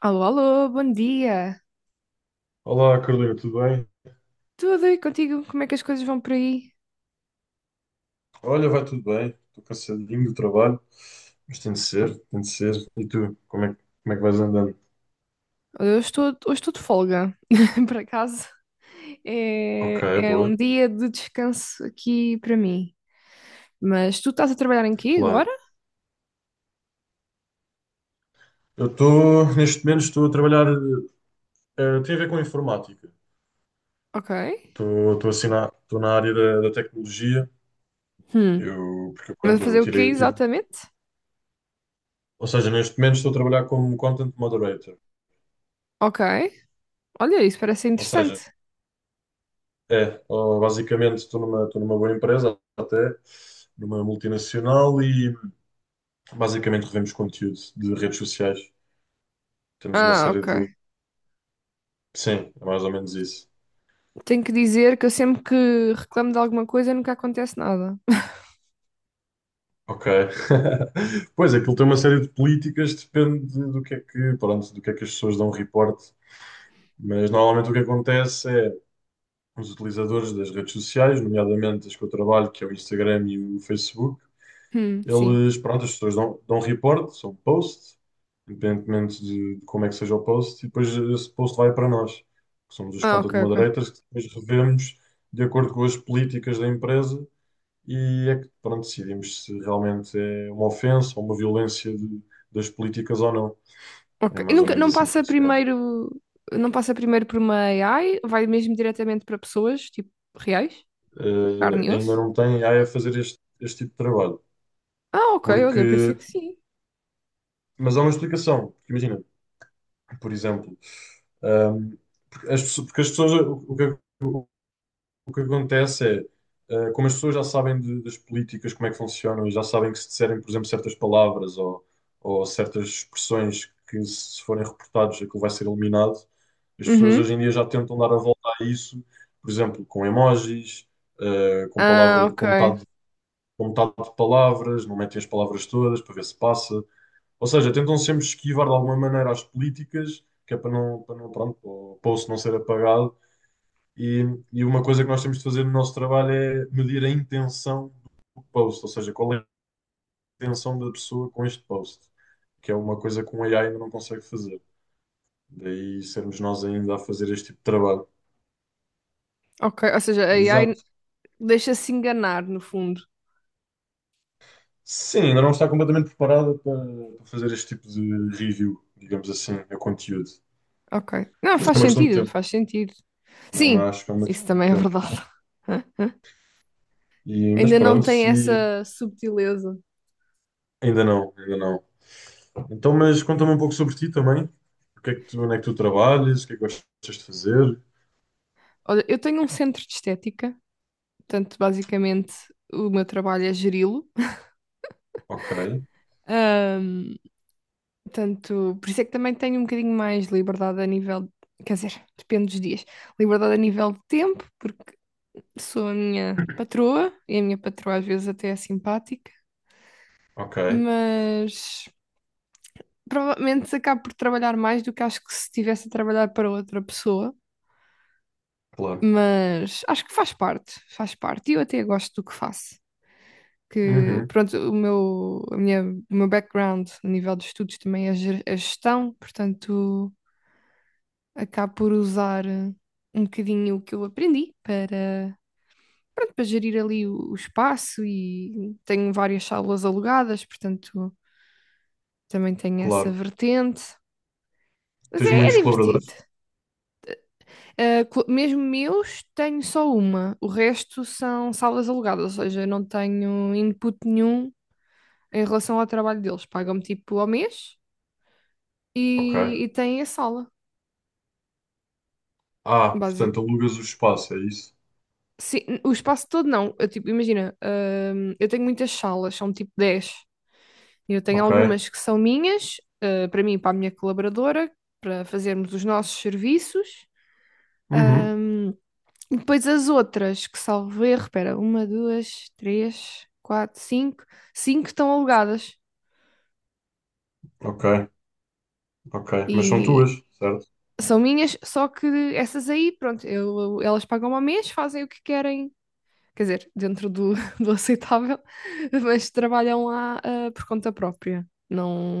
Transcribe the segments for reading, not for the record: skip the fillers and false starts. Alô, alô, bom dia. Olá, Carolina, tudo bem? Tudo e contigo? Como é que as coisas vão por aí? Olha, vai tudo bem. Estou cansadinho do trabalho, mas tem de ser, tem de ser. E tu, como é, como é que vais andando? Hoje estou de folga, por acaso. Ok, É boa, um dia de descanso aqui para mim. Mas tu estás a trabalhar em quê claro. agora? Eu estou, neste momento, estou a trabalhar, tem a ver com informática. Ok. Estou assim na, estou na área da, da tecnologia, Hum. eu, porque Mas a quando eu fazer o quê tirei o tiro. exatamente? Ou seja, neste momento estou a trabalhar como content moderator. Ok. Olha, isso parece Ou seja, interessante. é, ó, basicamente estou numa boa empresa, até, numa multinacional. Basicamente revemos conteúdo de redes sociais. Temos uma Ah, série de. ok. Sim, é mais ou menos isso. Tenho que dizer que eu sempre que reclamo de alguma coisa nunca acontece nada. Ok. Pois, aquilo tem uma série de políticas, depende do que é que, pronto, do que é que as pessoas dão reporte. Mas normalmente o que acontece é os utilizadores das redes sociais, nomeadamente as que eu trabalho, que é o Instagram e o Facebook. Sim. Eles, pronto, as pessoas dão, dão report, são post, independentemente de como é que seja o post, e depois esse post vai para nós, que somos os Ah, content ok, ok. moderators, que depois revemos de acordo com as políticas da empresa e é que, pronto, decidimos se realmente é uma ofensa ou uma violência das políticas ou não. É Ok. E mais ou nunca, menos não assim que passa funciona. primeiro, não passa primeiro por uma AI, vai mesmo diretamente para pessoas, tipo, reais, carne e Ainda osso? não tem AI a fazer este, este tipo de trabalho, Ah, ok, olha, pensei porque... que sim. Mas há uma explicação, porque imagina, por exemplo, Um, porque porque as pessoas, o que, o- o que acontece é, como as pessoas já sabem das políticas, como é que funcionam, e já sabem que se disserem, por exemplo, certas palavras ou certas expressões que, se forem reportados, aquilo vai ser eliminado, as pessoas Uhum. hoje em dia já tentam dar a volta a isso, por exemplo, com emojis, com Ah, palavra, ok. Com metade de palavras, não metem as palavras todas para ver se passa. Ou seja, tentam sempre esquivar de alguma maneira as políticas, que é para não, pronto, para o poço não ser apagado. E, e uma coisa que nós temos de fazer no nosso trabalho é medir a intenção do post, ou seja, qual é a intenção da pessoa com este post, que é uma coisa que um AI ainda não consegue fazer. Daí sermos nós ainda a fazer este tipo de trabalho. Ok, ou seja, a AI Exato. deixa-se enganar, no fundo. Sim, ainda não está completamente preparada para, para fazer este tipo de review, digamos assim, a conteúdo. Ok. Não, Mas é faz uma questão de sentido, tempo. faz sentido. Não, Sim, mas acho que é uma isso questão de também é tempo. verdade. E, mas Ainda não pronto, tem se. essa subtileza. Ainda não, ainda não. Então, mas conta-me um pouco sobre ti também. O que é que tu, onde é que tu trabalhas? O que é que gostas de fazer? Olha, eu tenho um centro de estética, portanto, basicamente o meu trabalho é geri-lo. Ok, Ahm, Portanto, por isso é que também tenho um bocadinho mais liberdade a nível, quer dizer, depende dos dias, liberdade a nível de tempo, porque sou a minha patroa e a minha patroa às vezes até é simpática, ok, mas provavelmente acabo por trabalhar mais do que acho que se estivesse a trabalhar para outra pessoa. claro. Mas acho que faz parte, faz parte. E eu até gosto do que faço. Que Uhum, pronto, o meu background a nível de estudos também é gestão, portanto, acabo por usar um bocadinho o que eu aprendi para, pronto, para gerir ali o espaço e tenho várias salas alugadas, portanto, também tenho essa claro. vertente. Mas Tens é muitos divertido. colaboradores? Mesmo meus, tenho só uma. O resto são salas alugadas, ou seja, eu não tenho input nenhum em relação ao trabalho deles. Pagam-me tipo ao mês Ok. e tem a sala, Ah, básico. portanto, alugas o espaço, é isso? Sim, o espaço todo não. Eu, tipo, imagina, eu tenho muitas salas, são tipo 10. Eu tenho Ok. algumas que são minhas, para mim, e para a minha colaboradora, para fazermos os nossos serviços. Uhum, Hum, e depois as outras, que salvo erro, espera, uma, duas, três, quatro, cinco. Cinco estão alugadas ok, ok. Mas são e tuas, certo? são minhas, só que essas aí, pronto, elas pagam ao mês, fazem o que querem, quer dizer, dentro do, do aceitável, mas trabalham lá por conta própria.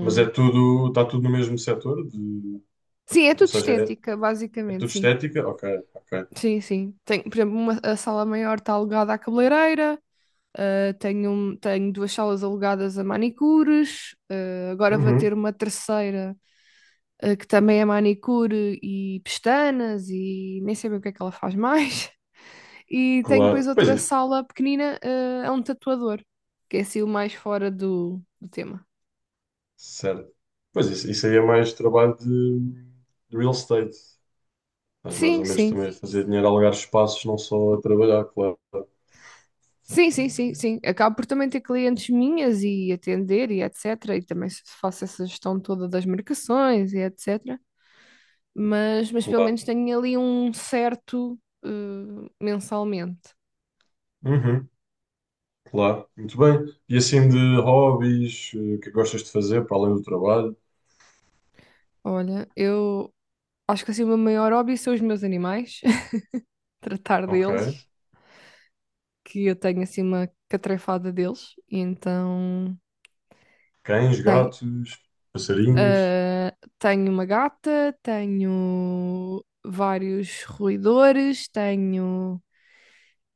Mas é tudo, está tudo no mesmo setor? De, Sim, é ou tudo seja, é, estética, é basicamente, tudo sim. estética? Ok, ok. Sim, sim. Tenho, por exemplo, a sala maior está alugada à cabeleireira, tenho duas salas alugadas a manicures, agora vou ter Uhum, uma terceira, que também é manicure e pestanas e nem sei bem o que é que ela faz mais. E tenho depois claro. Pois outra é, sala pequenina, a um tatuador, que é assim o mais fora do, do tema. certo. Pois isso aí é mais trabalho de real estate. Mas mais Sim, ou menos sim. também a fazer dinheiro a alugar espaços, não só a trabalhar, claro. Sim, sim, sim, sim. Acabo por também ter clientes minhas e atender e etc. E também faço essa gestão toda das marcações e etc. Mas pelo Claro. menos tenho ali um certo eh, mensalmente. Uhum, claro. Muito bem. E assim de hobbies, o que é que gostas de fazer para além do trabalho? Olha, eu acho que assim o meu maior hobby são os meus animais, tratar Ok. deles, que eu tenho assim uma catrefada deles. E então, Cães, tem, gatos, passarinhos. ah, tenho uma gata, tenho vários roedores, tenho,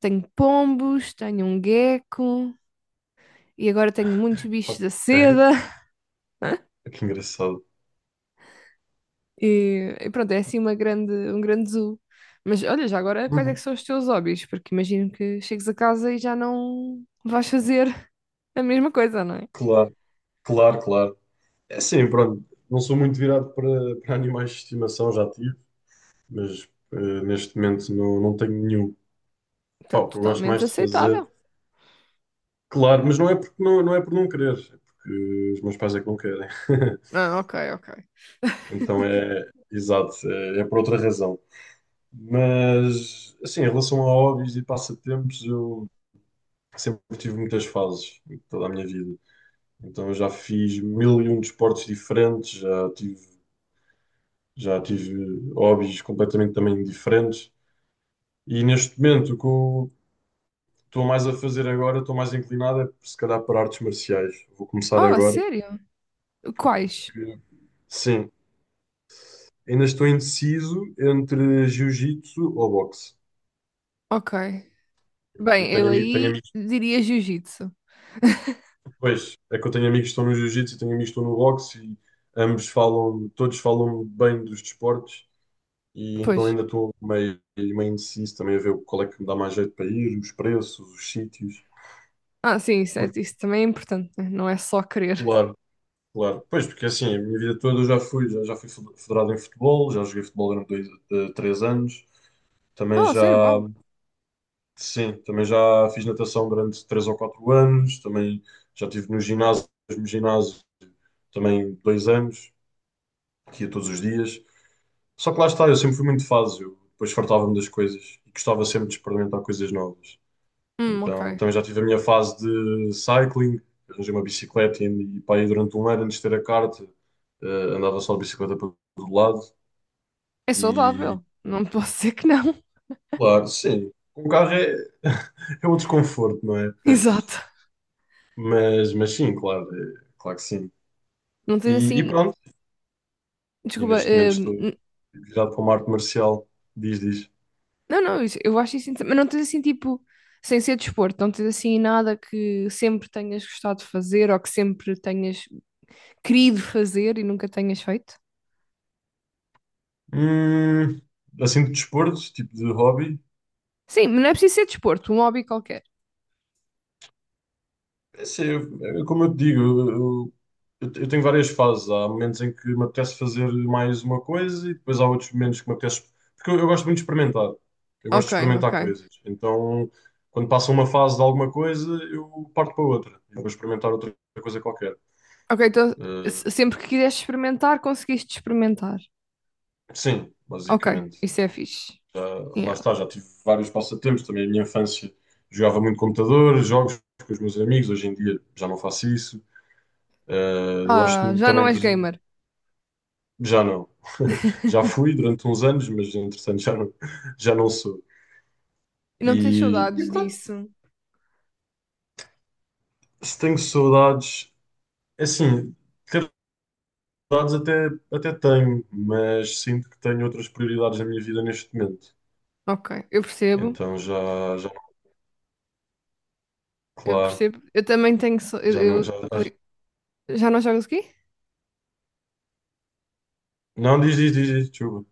tenho pombos, tenho um gecko e agora tenho muitos bichos Ok. da seda Que engraçado. e pronto, é assim um grande zoo. Mas olha, já agora quais é que Uhum. são os teus hobbies? Porque imagino que chegues a casa e já não vais fazer a mesma coisa, não é? Claro, claro, claro. É assim, pronto. Não sou muito virado para, para animais de estimação, já tive, mas neste momento não, não tenho nenhum. Então, Pá, o que eu gosto totalmente mais de fazer. aceitável. Claro, mas não é porque não, não é por não querer, é porque os meus pais é que não querem. Ah, ok, ok. Então é, exato, é, é por outra razão. Mas, assim, em relação a hobbies e passatempos, eu sempre tive muitas fases em toda a minha vida. Então eu já fiz 1001 desportos diferentes, já tive hobbies completamente também diferentes. E neste momento, o que eu estou mais a fazer agora, estou mais inclinado, é se calhar para artes marciais. Vou começar Oh, a agora, sério? Quais? porque sim, ainda estou indeciso entre jiu-jitsu ou boxe. Ok. Eu Bem, tenho, eu tenho aí amigos, diria jiu-jitsu. pois, é que eu tenho amigos que estão no jiu-jitsu e tenho amigos que estão no boxe e ambos falam, todos falam bem dos desportos e então Pois. ainda estou meio, meio indeciso também a ver qual é que me dá mais jeito para ir, os preços, os sítios. Ah, sim, isso, é- Porque, isso também é importante, né? Não é só querer. claro, claro. Pois, porque assim, a minha vida toda eu já fui, já, já fui federado em futebol, já joguei futebol durante dois, três anos, também Ah, já. sério, uau. Sim, também já fiz natação durante três ou quatro anos, também já estive no ginásio, mesmo ginásio, também dois anos, que ia todos os dias. Só que lá está, eu sempre fui muito fácil, eu depois fartava-me das coisas e gostava sempre de experimentar coisas novas. Ok. Então também já tive a minha fase de cycling, arranjei uma bicicleta e pá, aí durante um ano antes de ter a carta, eh, andava só de bicicleta para todo lado É e, saudável. Não posso dizer que não. claro, sim, com o carro é, é outro conforto, não é? Exato. Mas sim, claro, claro que sim. Não tens E assim. pronto. E Desculpa. neste momento estou virado para uma arte marcial. Diz, diz. Não, não, eu acho isso. Mas não tens assim, tipo. Sem ser desporto, não tens assim nada que sempre tenhas gostado de fazer ou que sempre tenhas querido fazer e nunca tenhas feito? Hum, assim de desporto, tipo de hobby. Sim, mas não é preciso ser desporto, um hobby qualquer. É assim, é como eu te digo, eu, eu tenho várias fases. Há momentos em que me apetece fazer mais uma coisa e depois há outros momentos que me apetece. Porque eu gosto muito de experimentar. Eu gosto Ok, de ok. experimentar coisas. Então, quando passa uma fase de alguma coisa, eu parto para outra. Eu vou experimentar outra coisa qualquer. Ok, então Eh, sempre que quiseste experimentar, conseguiste experimentar. sim, Ok, basicamente. isso é fixe. Já, lá está, Yeah. já tive vários passatempos. Também a minha infância jogava muito computador, jogos com os meus amigos. Hoje em dia já não faço isso. Eu gosto Ah, muito já não também, por és exemplo, gamer. já não. Já fui durante uns anos, mas entretanto já não sou. Não tens E saudades pronto, disso. se tenho saudades, é assim, ter saudades até, até tenho, mas sinto que tenho outras prioridades na minha vida neste momento. Ok, eu percebo. Então já, já, Eu claro, percebo. Eu também tenho. Já não, já, eu- já- ali- Já não jogas o quê? não, diz, diz, diz, diz, desculpa.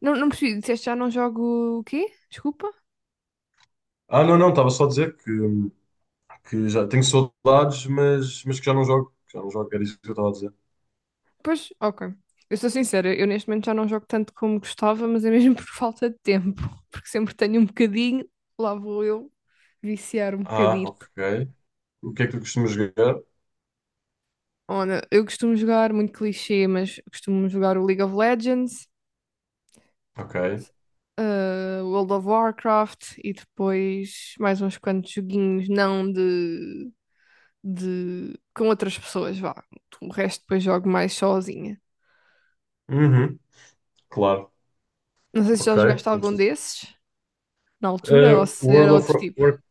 Não, não percebi. Disseste já não jogo o quê? Desculpa. Ah, não, não, estava só a dizer que já tenho saudades, mas que já não jogo. Que Já não jogo, era isso que eu estava a dizer. Pois, ok. Eu sou sincera, eu neste momento já não jogo tanto como gostava, mas é mesmo por falta de tempo. Porque sempre tenho um bocadinho, lá vou eu viciar um Ah, bocadito. ok. O que é que tu costumas jogar? Olha, eu costumo jogar, muito clichê, mas costumo jogar o League of Legends, Ok. World of Warcraft e depois mais uns quantos joguinhos, não de com outras pessoas, vá. O resto depois jogo mais sozinha. Uhum, claro. Não sei se já Ok. jogaste algum desses na altura ou se World era of outro tipo. Warcraft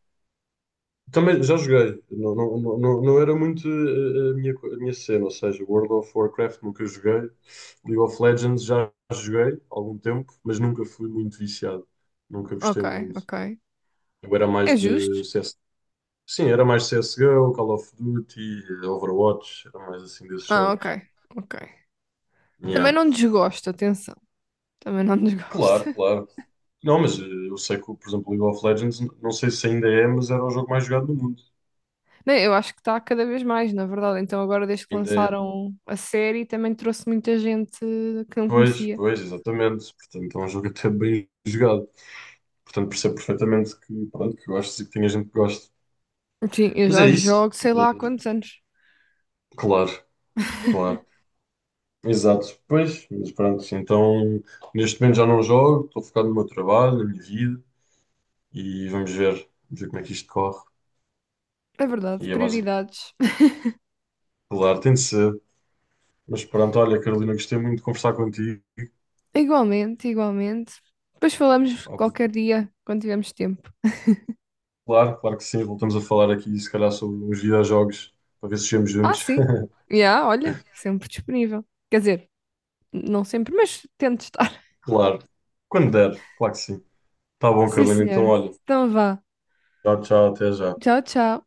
também já joguei. Não, não, não, não não era muito a minha, a minha cena, ou seja, World of Warcraft nunca joguei. League of Legends já joguei há algum tempo, mas nunca fui muito viciado. Nunca gostei Ok, muito. ok. Eu era mais É de. justo? Sim, era mais CSGO, Call of Duty, Overwatch, era mais assim desses Ah, jogos. ok, ok. Também Yeah. não desgosto, atenção. Também não Claro, desgosto. claro. Não, mas eu sei que, por exemplo, League of Legends, não sei se ainda é, mas era o jogo mais jogado do mundo. Nem, eu acho que está cada vez mais, na verdade. Então, agora, desde que Ainda é. lançaram a série, também trouxe muita gente que não Pois, conhecia. pois, exatamente. Portanto, é um jogo até bem jogado. Portanto, percebo perfeitamente que, pronto, que gostes e que tenha gente que gosta. Sim, eu Mas é já isso. jogo sei lá há Eh, quantos anos. claro, claro. Exato. Pois, mas pronto. Então, neste momento já não jogo, estou focado no meu trabalho, na minha vida e vamos ver como é que isto corre. É E verdade, é básico. prioridades. Claro, tem de ser. Mas pronto, olha, Carolina, gostei muito de conversar contigo. Igualmente, igualmente. Depois falamos Óbvio. qualquer dia, quando tivermos tempo. Claro, claro que sim. Voltamos a falar aqui, se calhar, sobre uns videojogos, para ver se chegamos Ah, juntos. sim. Já, olha, sempre disponível. Quer dizer, não sempre, mas tento estar. Claro. Quando der, claro que sim. Tá bom, Sim, Carolina. Então, senhor. olha, Então vá. tchau, tchau, até já. Tchau, tchau.